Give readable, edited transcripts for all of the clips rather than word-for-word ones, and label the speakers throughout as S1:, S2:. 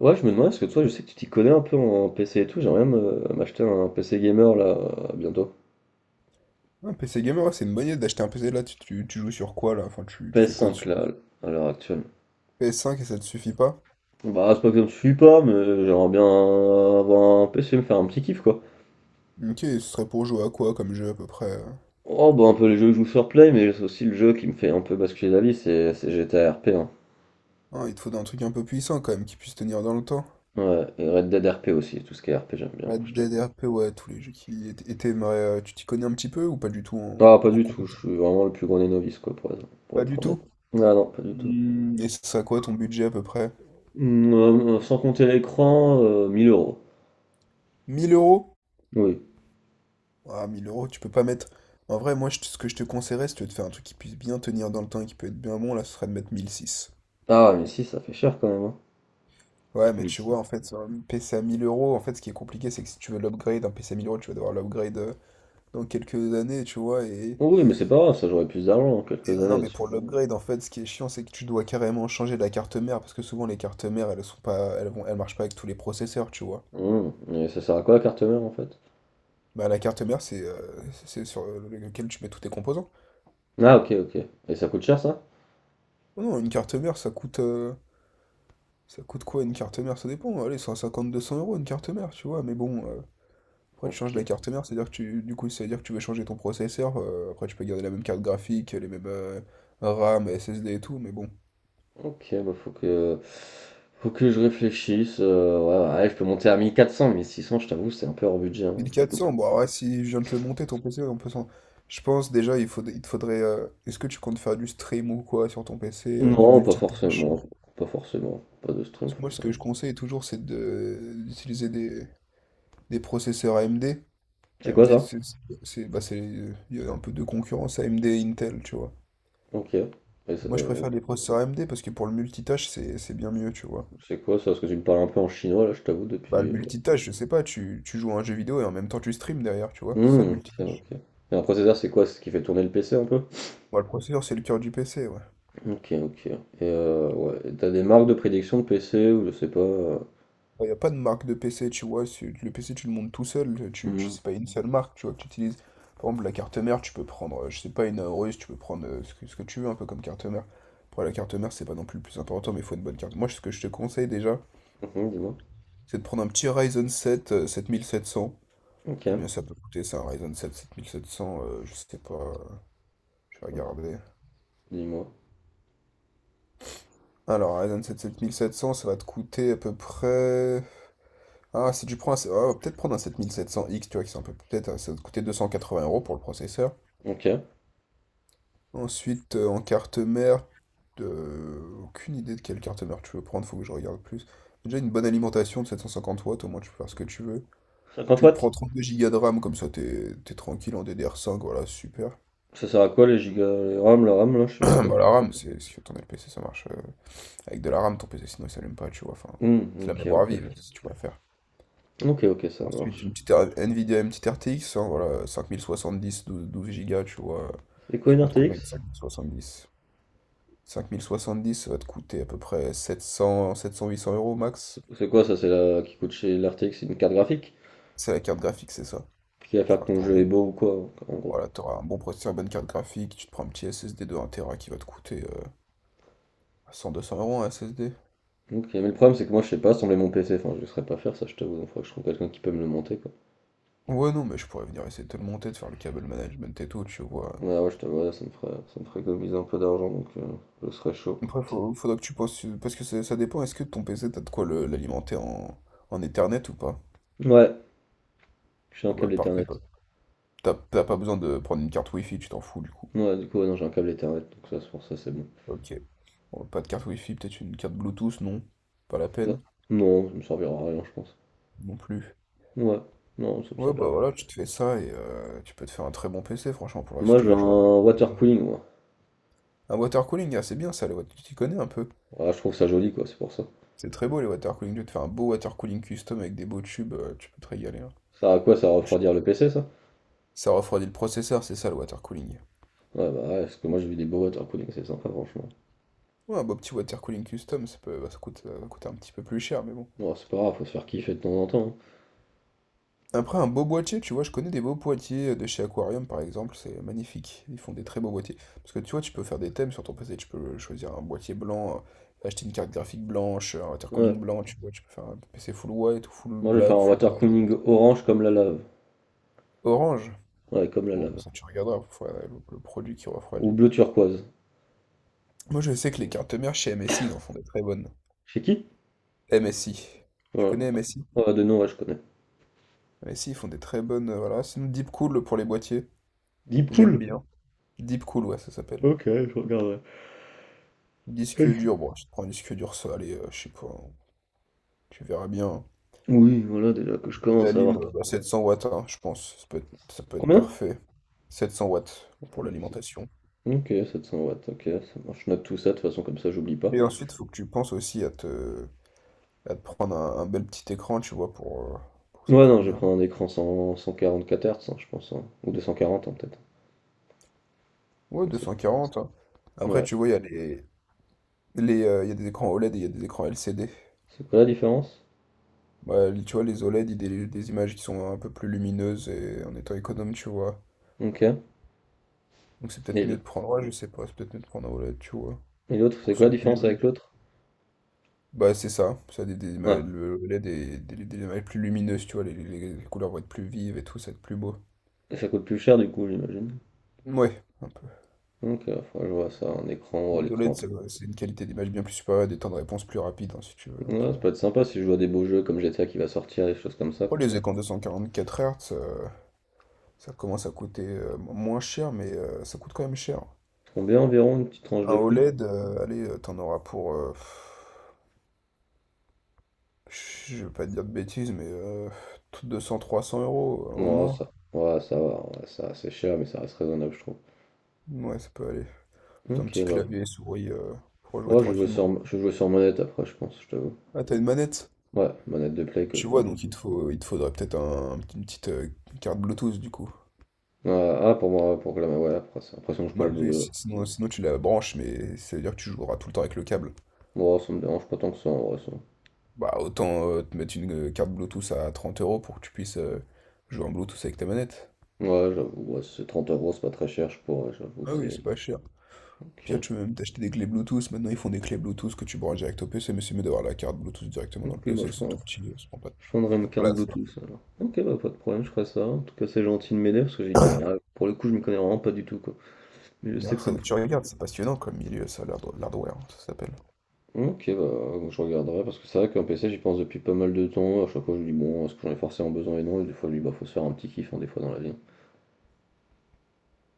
S1: Ouais, je me demandais, parce que toi, je sais que tu t'y connais un peu en PC et tout, j'aimerais bien m'acheter un PC gamer là, bientôt.
S2: Un PC gamer, ouais, c'est une bonne idée d'acheter un PC là, tu joues sur quoi là? Enfin, tu fais
S1: ps
S2: quoi
S1: cinq
S2: dessus?
S1: là, à l'heure actuelle.
S2: PS5 et ça te suffit pas?
S1: Bah, c'est pas que je ne suis pas, mais j'aimerais bien avoir un PC, me faire un petit kiff quoi.
S2: Ok, ce serait pour jouer à quoi comme jeu à peu près?
S1: Oh, bah, un peu les jeux que je joue sur Play, mais c'est aussi le jeu qui me fait un peu basculer la vie, c'est GTA RP hein.
S2: Ah, il te faut un truc un peu puissant quand même qui puisse tenir dans le temps.
S1: Ouais, et Red Dead RP aussi, tout ce qui est RP j'aime bien, moi,
S2: Red
S1: je te...
S2: Dead RP, ouais, tous les jeux qui étaient. Et t'aimerais, tu t'y connais un petit peu ou pas du tout en,
S1: Ah, pas
S2: en
S1: du tout, je
S2: compétition.
S1: suis vraiment le plus grand des novices quoi, pour être, pour
S2: Pas
S1: être
S2: du
S1: honnête.
S2: tout?
S1: Ah non, pas du tout.
S2: Et ce serait quoi ton budget à peu près?
S1: Sans compter l'écran, 1000 euros.
S2: 1000 euros?
S1: Oui.
S2: Ah, mille euros, tu peux pas mettre. En vrai, moi, ce que je te conseillerais, si tu veux te faire un truc qui puisse bien tenir dans le temps et qui peut être bien bon, là, ce serait de mettre 1006.
S1: Ah ouais, mais si, ça fait cher quand même, hein.
S2: Ouais, mais
S1: Mais
S2: tu
S1: si.
S2: vois, en fait, sur un PC à 1000 euros, en fait, ce qui est compliqué, c'est que si tu veux l'upgrade, un PC à 1000 euros, tu vas devoir l'upgrade dans quelques années, tu vois. Et,
S1: Oui, mais c'est pas grave, ça j'aurai plus d'argent dans quelques
S2: et, euh, non,
S1: années.
S2: mais pour l'upgrade, en fait, ce qui est chiant, c'est que tu dois carrément changer la carte mère, parce que souvent, les cartes mères, elles sont pas, elles vont, elles marchent pas avec tous les processeurs, tu vois.
S1: Et ça sert à quoi la carte mère en fait?
S2: Bah, la carte mère, c'est sur lequel tu mets tous tes composants.
S1: Ah, ok, ok. Et ça coûte cher ça?
S2: Non, non, une carte mère, ça coûte quoi une carte mère? Ça dépend. Allez, 150-200 € une carte mère, tu vois. Mais bon. Après, tu changes
S1: Ok,
S2: de la carte mère, c'est-à-dire que du coup, ça veut dire que tu veux changer ton processeur. Après, tu peux garder la même carte graphique, les mêmes RAM, SSD et tout, mais bon.
S1: ok, bah Faut que je réfléchisse. Ouais, ouais, je peux monter à 1000, 1400, 1600, je t'avoue, c'est un peu hors budget, hein,
S2: mille
S1: je vais
S2: quatre
S1: pas te.
S2: cents bon, ouais, si je viens de te le monter, ton PC. Je pense déjà, il te faudrait. Est-ce que tu comptes faire du stream ou quoi sur ton PC, du
S1: Non, pas
S2: multitâche?
S1: forcément. Pas forcément. Pas de stream
S2: Parce que moi, ce que
S1: forcément.
S2: je conseille toujours, c'est d'utiliser des processeurs AMD.
S1: C'est
S2: AMD,
S1: quoi
S2: c'est,
S1: ça?
S2: c'est- bah, c'est- il y a un peu de concurrence AMD et Intel, tu vois.
S1: Ok. Et ça,
S2: Moi, je préfère les processeurs AMD parce que pour le multitâche, c'est bien mieux, tu vois.
S1: c'est quoi ça? Parce que tu me parles un peu en chinois là, je t'avoue,
S2: Bah, le
S1: depuis...
S2: multitâche, je sais pas, tu joues à un jeu vidéo et en même temps tu stream derrière, tu vois. C'est ça le
S1: Ok,
S2: multitâche.
S1: ok. Et un processeur, c'est quoi? C'est ce qui fait tourner le PC un peu?
S2: Moi le processeur, c'est le cœur du PC, ouais.
S1: Ok, ok. Et ouais, et tu des marques de prédilection de PC ou je sais pas?
S2: Il n'y a pas de marque de PC, tu vois. Le PC, tu le montes tout seul. Tu,
S1: Mmh
S2: tu,
S1: mh.
S2: c'est pas une seule marque, tu vois, que tu utilises. Par exemple, la carte mère, tu peux prendre, je sais pas, une Aorus, tu peux prendre ce que tu veux, un peu comme carte mère. Après, la carte mère, c'est pas non plus le plus important, mais il faut une bonne carte. Moi, ce que je te conseille déjà,
S1: Mmh Dis-moi.
S2: c'est de prendre un petit Ryzen 7 7700.
S1: Ok.
S2: Combien ça peut coûter, ça, un Ryzen 7 7700? Je sais pas. Je vais regarder.
S1: Dis-moi.
S2: Alors, Ryzen sept sept mille sept cents ça va te coûter à peu près. Ah, si tu prends un. Ah, peut-être prendre un sept sept mille sept cents x tu vois, qui c'est un peu. Peut-être, ça va te coûter 280 € pour le processeur.
S1: Ok.
S2: Ensuite, en carte mère, aucune idée de quelle carte mère tu veux prendre, faut que je regarde plus. Déjà, une bonne alimentation de 750 watts, au moins tu peux faire ce que tu veux.
S1: 50
S2: Tu te
S1: watts?
S2: prends 32 gigas de RAM, comme ça t'es tranquille en DDR5 voilà, super.
S1: Ça sert à quoi les gigas les RAM la RAM là, je sais pas quoi?
S2: Bah, la RAM, c'est si ton LPC, ça marche. Avec de la RAM, ton PC, sinon il s'allume pas, tu vois. Enfin,
S1: Mmh,
S2: c'est la
S1: ok,
S2: mémoire
S1: ok.
S2: vive, si tu préfères.
S1: Ok, ok, ça
S2: Ensuite, une
S1: marche.
S2: petite Nvidia, une petite RTX, hein, voilà, dix douze Go, tu vois.
S1: C'est quoi
S2: Ça
S1: une
S2: coûte combien
S1: RTX?
S2: cinq mille soixante dix une 5070? 5070, ça va te coûter à peu près 700, 800 euros
S1: C'est
S2: max.
S1: c'est quoi ça? C'est la qui coûte chez la RTX, c'est une carte graphique?
S2: C'est la carte graphique, c'est ça.
S1: Qui va
S2: Faut
S1: faire que
S2: la
S1: ton jeu
S2: retourner.
S1: est beau ou quoi, en gros?
S2: Voilà, t'auras un bon processeur, une bonne carte graphique, tu te prends un petit SSD de 1 To qui va te coûter 200 euros un SSD.
S1: Ok, mais le problème c'est que moi je sais pas assembler mon PC, enfin je ne saurais pas faire ça je t'avoue, donc faudrait que je trouve quelqu'un qui peut me le monter quoi.
S2: Ouais, non, mais je pourrais venir essayer de te le monter, de faire le câble management et tout, tu vois.
S1: Ouais, ouais, je t'avoue, là, ça me ferait économiser un peu d'argent, donc je serais chaud.
S2: Après, faudra que tu penses, parce que ça dépend, est-ce que ton PC, t'as de quoi l'alimenter en Ethernet ou pas?
S1: Ouais, j'ai un
S2: Bon, bah,
S1: câble
S2: parfait,
S1: Ethernet.
S2: t'as pas besoin de prendre une carte Wi-Fi, tu t'en fous du coup.
S1: Ouais, du coup, ouais, non, j'ai un câble Ethernet, donc ça, c'est pour ça, c'est bon.
S2: Ok. Bon, pas de carte Wi-Fi, peut-être une carte Bluetooth, non? Pas la
S1: Ça-
S2: peine,
S1: Non, ça me servira à rien, je pense.
S2: non plus.
S1: Ouais, non, ça me
S2: Ouais,
S1: servira
S2: bah
S1: pas.
S2: voilà, tu te fais ça et tu peux te faire un très bon PC, franchement, pour la si
S1: Moi,
S2: tu
S1: j'ai
S2: veux jouer.
S1: un water cooling, moi.
S2: Un watercooling, ah, c'est bien ça, tu t'y connais un peu.
S1: Ouais, je trouve ça joli, quoi, c'est pour ça.
S2: C'est très beau les watercooling, tu te fais un beau watercooling custom avec des beaux tubes, tu peux te régaler, hein.
S1: Ça à quoi? Ça va refroidir le PC, ça?
S2: Ça refroidit le processeur, c'est ça le watercooling.
S1: Ouais, bah ouais, parce que moi, j'ai vu des beaux water cooling, c'est sympa, franchement.
S2: Ouais, un beau petit watercooling custom, bah, ça va coûter un petit peu plus cher, mais bon.
S1: Ouais, c'est pas grave, faut se faire kiffer de temps en temps,
S2: Après, un beau boîtier, tu vois, je connais des beaux boîtiers de chez Aquarium, par exemple, c'est magnifique. Ils font des très beaux boîtiers. Parce que tu vois, tu peux faire des thèmes sur ton PC, tu peux choisir un boîtier blanc, acheter une carte graphique blanche, un
S1: hein.
S2: watercooling
S1: Ouais,
S2: blanc, tu vois, tu peux faire un PC full white ou full
S1: moi, je vais faire
S2: black,
S1: un
S2: full
S1: water
S2: red.
S1: cooling orange comme la lave.
S2: Orange.
S1: Ouais, comme la
S2: Bon,
S1: lave.
S2: ça, tu regarderas, le produit qui
S1: Ou
S2: refroidit.
S1: bleu turquoise.
S2: Moi, je sais que les cartes mères chez MSI, ils en font des très bonnes.
S1: Chez qui?
S2: MSI. Tu
S1: Voilà.
S2: connais MSI?
S1: Ouais, de nom, ouais, je connais.
S2: MSI, ils font des très bonnes, voilà. Sinon, Deep Cool pour les boîtiers,
S1: Deep
S2: j'aime
S1: Cool?
S2: bien. Deep Cool, ouais, ça s'appelle.
S1: Ok, je regarderai.
S2: Disque dur, bon, je te prends un disque dur, ça, allez, je sais pas, hein, tu verras bien.
S1: Oui, voilà, déjà que je
S2: La
S1: commence à avoir.
S2: lime, bah, 700 watts, hein, je pense, ça peut être
S1: Combien?
S2: parfait. 700 watts pour l'alimentation.
S1: Ok, 700 watts, ok, ça marche. Je note tout ça, de toute façon, comme ça, j'oublie pas.
S2: Et ensuite, faut que tu penses aussi à te prendre un bel petit écran, tu vois, pour que ça
S1: Ouais, non,
S2: tourne
S1: je vais
S2: bien.
S1: prendre un écran 100 144 Hz, hein, je pense, hein, ou 240, hein, peut-être.
S2: Ouais,
S1: Mais c'est-
S2: 240, hein. Après,
S1: Ouais.
S2: tu vois, il y a des écrans OLED et il y a des écrans LCD.
S1: C'est quoi la différence?
S2: Bah, tu vois, les OLED, ils délivre des images qui sont un peu plus lumineuses et en étant économe, tu vois.
S1: Ok.
S2: Donc c'est
S1: Et
S2: peut-être mieux
S1: le-
S2: de prendre, ouais, je sais pas, c'est peut-être mieux de prendre un OLED, tu vois.
S1: et l'autre,
S2: Pour
S1: c'est
S2: que ce
S1: quoi la
S2: soit plus
S1: différence
S2: joli.
S1: avec l'autre?
S2: Bah c'est ça, ça a le
S1: Ah,
S2: le LED est des mailles plus lumineuses, tu vois, les couleurs vont être plus vives et tout, ça va être plus beau.
S1: et ça coûte plus cher, du coup, j'imagine.
S2: Ouais, un peu.
S1: Ok, faudra que je vois ça, un écran, ouais,
S2: Les
S1: l'écran,
S2: OLED,
S1: après.
S2: c'est une qualité d'image bien plus supérieure, des temps de réponse plus rapides, hein, si tu veux. Donc,
S1: Ouais,
S2: euh.
S1: ça peut être sympa si je vois des beaux jeux comme GTA qui va sortir, des choses comme ça.
S2: Oh, les écrans 244 Hz, ça commence à coûter moins cher, mais ça coûte quand même cher.
S1: Combien environ une petite tranche
S2: Un
S1: de prix?
S2: OLED, allez, t'en auras pour, je vais pas te dire de bêtises, mais 200-300 € au
S1: Ouais,
S2: moins.
S1: ça, ouais, ça va, ouais, ça, c'est cher, mais ça reste raisonnable, je trouve.
S2: Ouais, ça peut aller. C'est un
S1: Ok,
S2: petit
S1: bah.
S2: clavier souris pour jouer
S1: Ouais, je joue
S2: tranquillement.
S1: sur, je joue sur manette après, je pense, je t'avoue.
S2: Ah, t'as une manette?
S1: Ouais, manette de play que
S2: Tu
S1: je
S2: vois,
S1: m'en fous.
S2: donc il te faudrait peut-être une petite carte Bluetooth du coup.
S1: Ah, ah, pour moi, pour que la ouais, après, c'est l'impression que je prends
S2: Bah,
S1: le,
S2: parce que
S1: bleu.
S2: sinon tu la branches, mais ça veut dire que tu joueras tout le temps avec le câble.
S1: Moi, ça me dérange pas tant que ça, en vrai, ça.
S2: Bah autant te mettre une carte Bluetooth à 30 € pour que tu puisses jouer en Bluetooth avec ta manette.
S1: Ouais, j'avoue, ouais, si c'est 30 euros, c'est pas très cher, je pourrais, j'avoue,
S2: Ah oui,
S1: c'est.
S2: c'est pas cher. Puis là,
S1: Ok.
S2: tu peux même t'acheter des clés Bluetooth. Maintenant, ils font des clés Bluetooth que tu branches direct au PC, mais c'est mieux d'avoir la carte Bluetooth directement dans le
S1: Ok, bah,
S2: PC. C'est tout petit, ça prend pas de,
S1: je prendrai
S2: pas
S1: une
S2: de
S1: carte
S2: place, hein.
S1: Bluetooth, alors. Ok, bah, pas de problème, je ferai ça. En tout cas, c'est gentil de m'aider, parce que j'y connais rien. Pour le coup, je m'y connais vraiment pas du tout, quoi. Mais je sais
S2: Non,
S1: que ça me.
S2: tu regardes, c'est passionnant comme milieu, ça, l'hardware, hein, ça s'appelle.
S1: Ok, bah, je regarderai parce que c'est vrai qu'un PC, j'y pense depuis pas mal de temps. À chaque fois, je me dis, bon, est-ce que j'en ai forcément besoin et non? Et des fois, je me dis, bah, faut se faire un petit kiff, hein, des fois, dans la vie.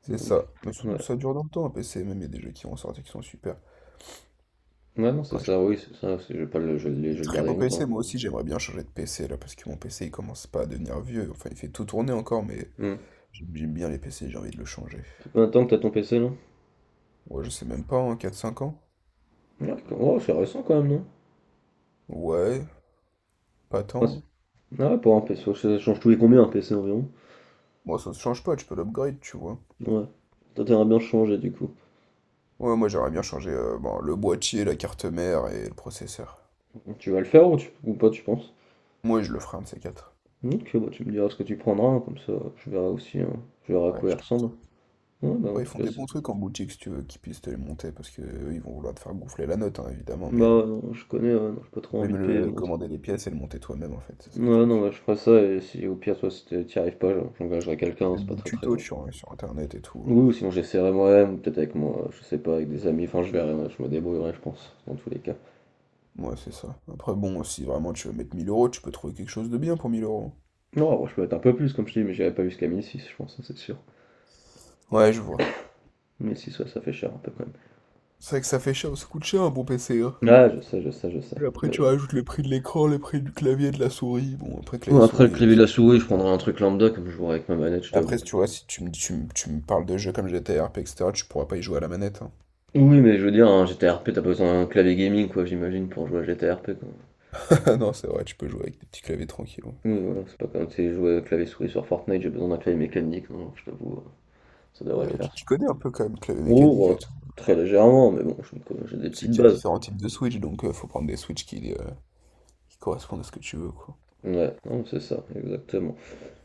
S2: C'est
S1: Donc,
S2: ça. Mais
S1: ouais.
S2: surtout, ça dure dans le temps, un PC. Même, il y a des jeux qui vont sortir qui sont super.
S1: Ouais, non, c'est
S2: Après, j'ai
S1: ça, oui, c'est ça. C'est- Je vais pas le, je vais le
S2: des
S1: je vais le
S2: très
S1: garder
S2: beaux PC.
S1: longtemps.
S2: Moi aussi, j'aimerais bien changer de PC, là, parce que mon PC, il commence pas à devenir vieux. Enfin, il fait tout tourner encore, mais
S1: Hmm.
S2: j'aime bien les PC, j'ai envie de le changer.
S1: Ça fait combien de temps que t'as ton PC, là?
S2: Ouais, je sais même pas, en 4-5 ans?
S1: Ouais, oh, c'est récent quand même, non?
S2: Ouais, pas
S1: Ah,
S2: tant.
S1: ah ouais, pour un PC, ça change tous les combien, un PC environ?
S2: Moi, ça se change pas, tu peux l'upgrade, tu vois.
S1: Ouais. Toi, t'aimerais bien le changer, du coup.
S2: Ouais, moi, j'aimerais bien changer bon, le boîtier, la carte mère et le processeur.
S1: Tu vas le faire ou pas, tu penses?
S2: Moi, je le ferai un de ces quatre.
S1: Ok, bah, tu me diras ce que tu prendras, hein, comme ça, je verrai aussi, hein, je verrai à
S2: Ouais,
S1: quoi il
S2: je te
S1: ressemble. Ouais, bah, en
S2: Après, ils
S1: tout
S2: font
S1: cas.
S2: des bons trucs en boutique, si tu veux, qu'ils puissent te les monter, parce que eux, ils vont vouloir te faire gonfler la note, hein, évidemment, mais
S1: Bah, ouais, non, je connais, ouais, non, j'ai pas
S2: il
S1: trop envie
S2: vaut
S1: de
S2: mieux
S1: payer le montant.
S2: commander les pièces et le monter toi-même, en fait, c'est ça le
S1: Ouais, non,
S2: truc.
S1: ouais, je ferais ça, et si au pire, toi, si t'y arrives pas, j'engagerai quelqu'un,
S2: Il y a
S1: c'est
S2: Même
S1: pas
S2: des
S1: très très
S2: tutos
S1: grave.
S2: sur, sur Internet et tout,
S1: Oui,
S2: hein.
S1: ou sinon j'essaierai moi-même, peut-être avec moi, je sais pas, avec des amis, enfin je verrai, ouais, je me débrouillerai, je pense, dans tous les cas.
S2: Ouais, c'est ça. Après, bon, si vraiment tu veux mettre 1000 euros, tu peux trouver quelque chose de bien pour 1000 euros.
S1: Non, ouais, je peux mettre un peu plus, comme je dis, mais j'irai pas jusqu'à 1006, je pense, ça, c'est sûr.
S2: Ouais, je vois.
S1: 1006, ouais, ça fait cher un peu quand même.
S2: C'est vrai que ça fait cher, ça coûte cher un bon PC, hein.
S1: Ouais, je sais, je sais, je sais.
S2: Puis après, tu
S1: Mais
S2: rajoutes le prix de l'écran, le prix du clavier, de la souris. Bon, après,
S1: bon, après le
S2: clavier-souris,
S1: clavier de
S2: si
S1: la
S2: tu peux
S1: souris,
S2: pas.
S1: je prendrai un truc lambda, comme je jouerai avec ma manette, je t'avoue.
S2: Après, si tu vois, si tu me, tu, me- tu me parles de jeux comme GTA RP, etc., tu pourras pas y jouer à la manette, hein.
S1: Oui, mais je veux dire, un GTRP, t'as pas besoin d'un clavier gaming, quoi, j'imagine, pour jouer à GTRP, quoi.
S2: Ah non, c'est vrai, tu peux jouer avec des petits claviers tranquilles. Ouais,
S1: Oui, voilà, c'est pas comme si je jouais avec clavier-souris sur Fortnite, j'ai besoin d'un clavier mécanique, non, je t'avoue, ça devrait
S2: Ouais,
S1: le
S2: tu,
S1: faire, ça.
S2: tu connais un peu quand même le clavier
S1: Oh,
S2: mécanique
S1: oh,
S2: et tout.
S1: très légèrement, mais bon, j'ai des
S2: C'est
S1: petites
S2: qu'il y a
S1: bases.
S2: différents types de Switch, donc faut prendre des Switch qui correspondent à ce que tu veux, quoi.
S1: Ouais, non, c'est ça, exactement.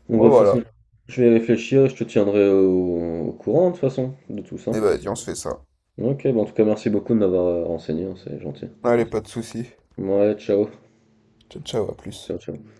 S1: Donc,
S2: Bon,
S1: ouais, de toute
S2: voilà.
S1: façon, je vais y réfléchir, je te tiendrai au courant, de toute façon, de tout ça.
S2: Et vas-y, on se fait ça.
S1: Ok, bon, en tout cas, merci beaucoup de m'avoir renseigné, hein, c'est gentil.
S2: Allez, pas de soucis.
S1: Ouais, ciao,
S2: Ciao, ciao, à plus.
S1: ciao, ciao.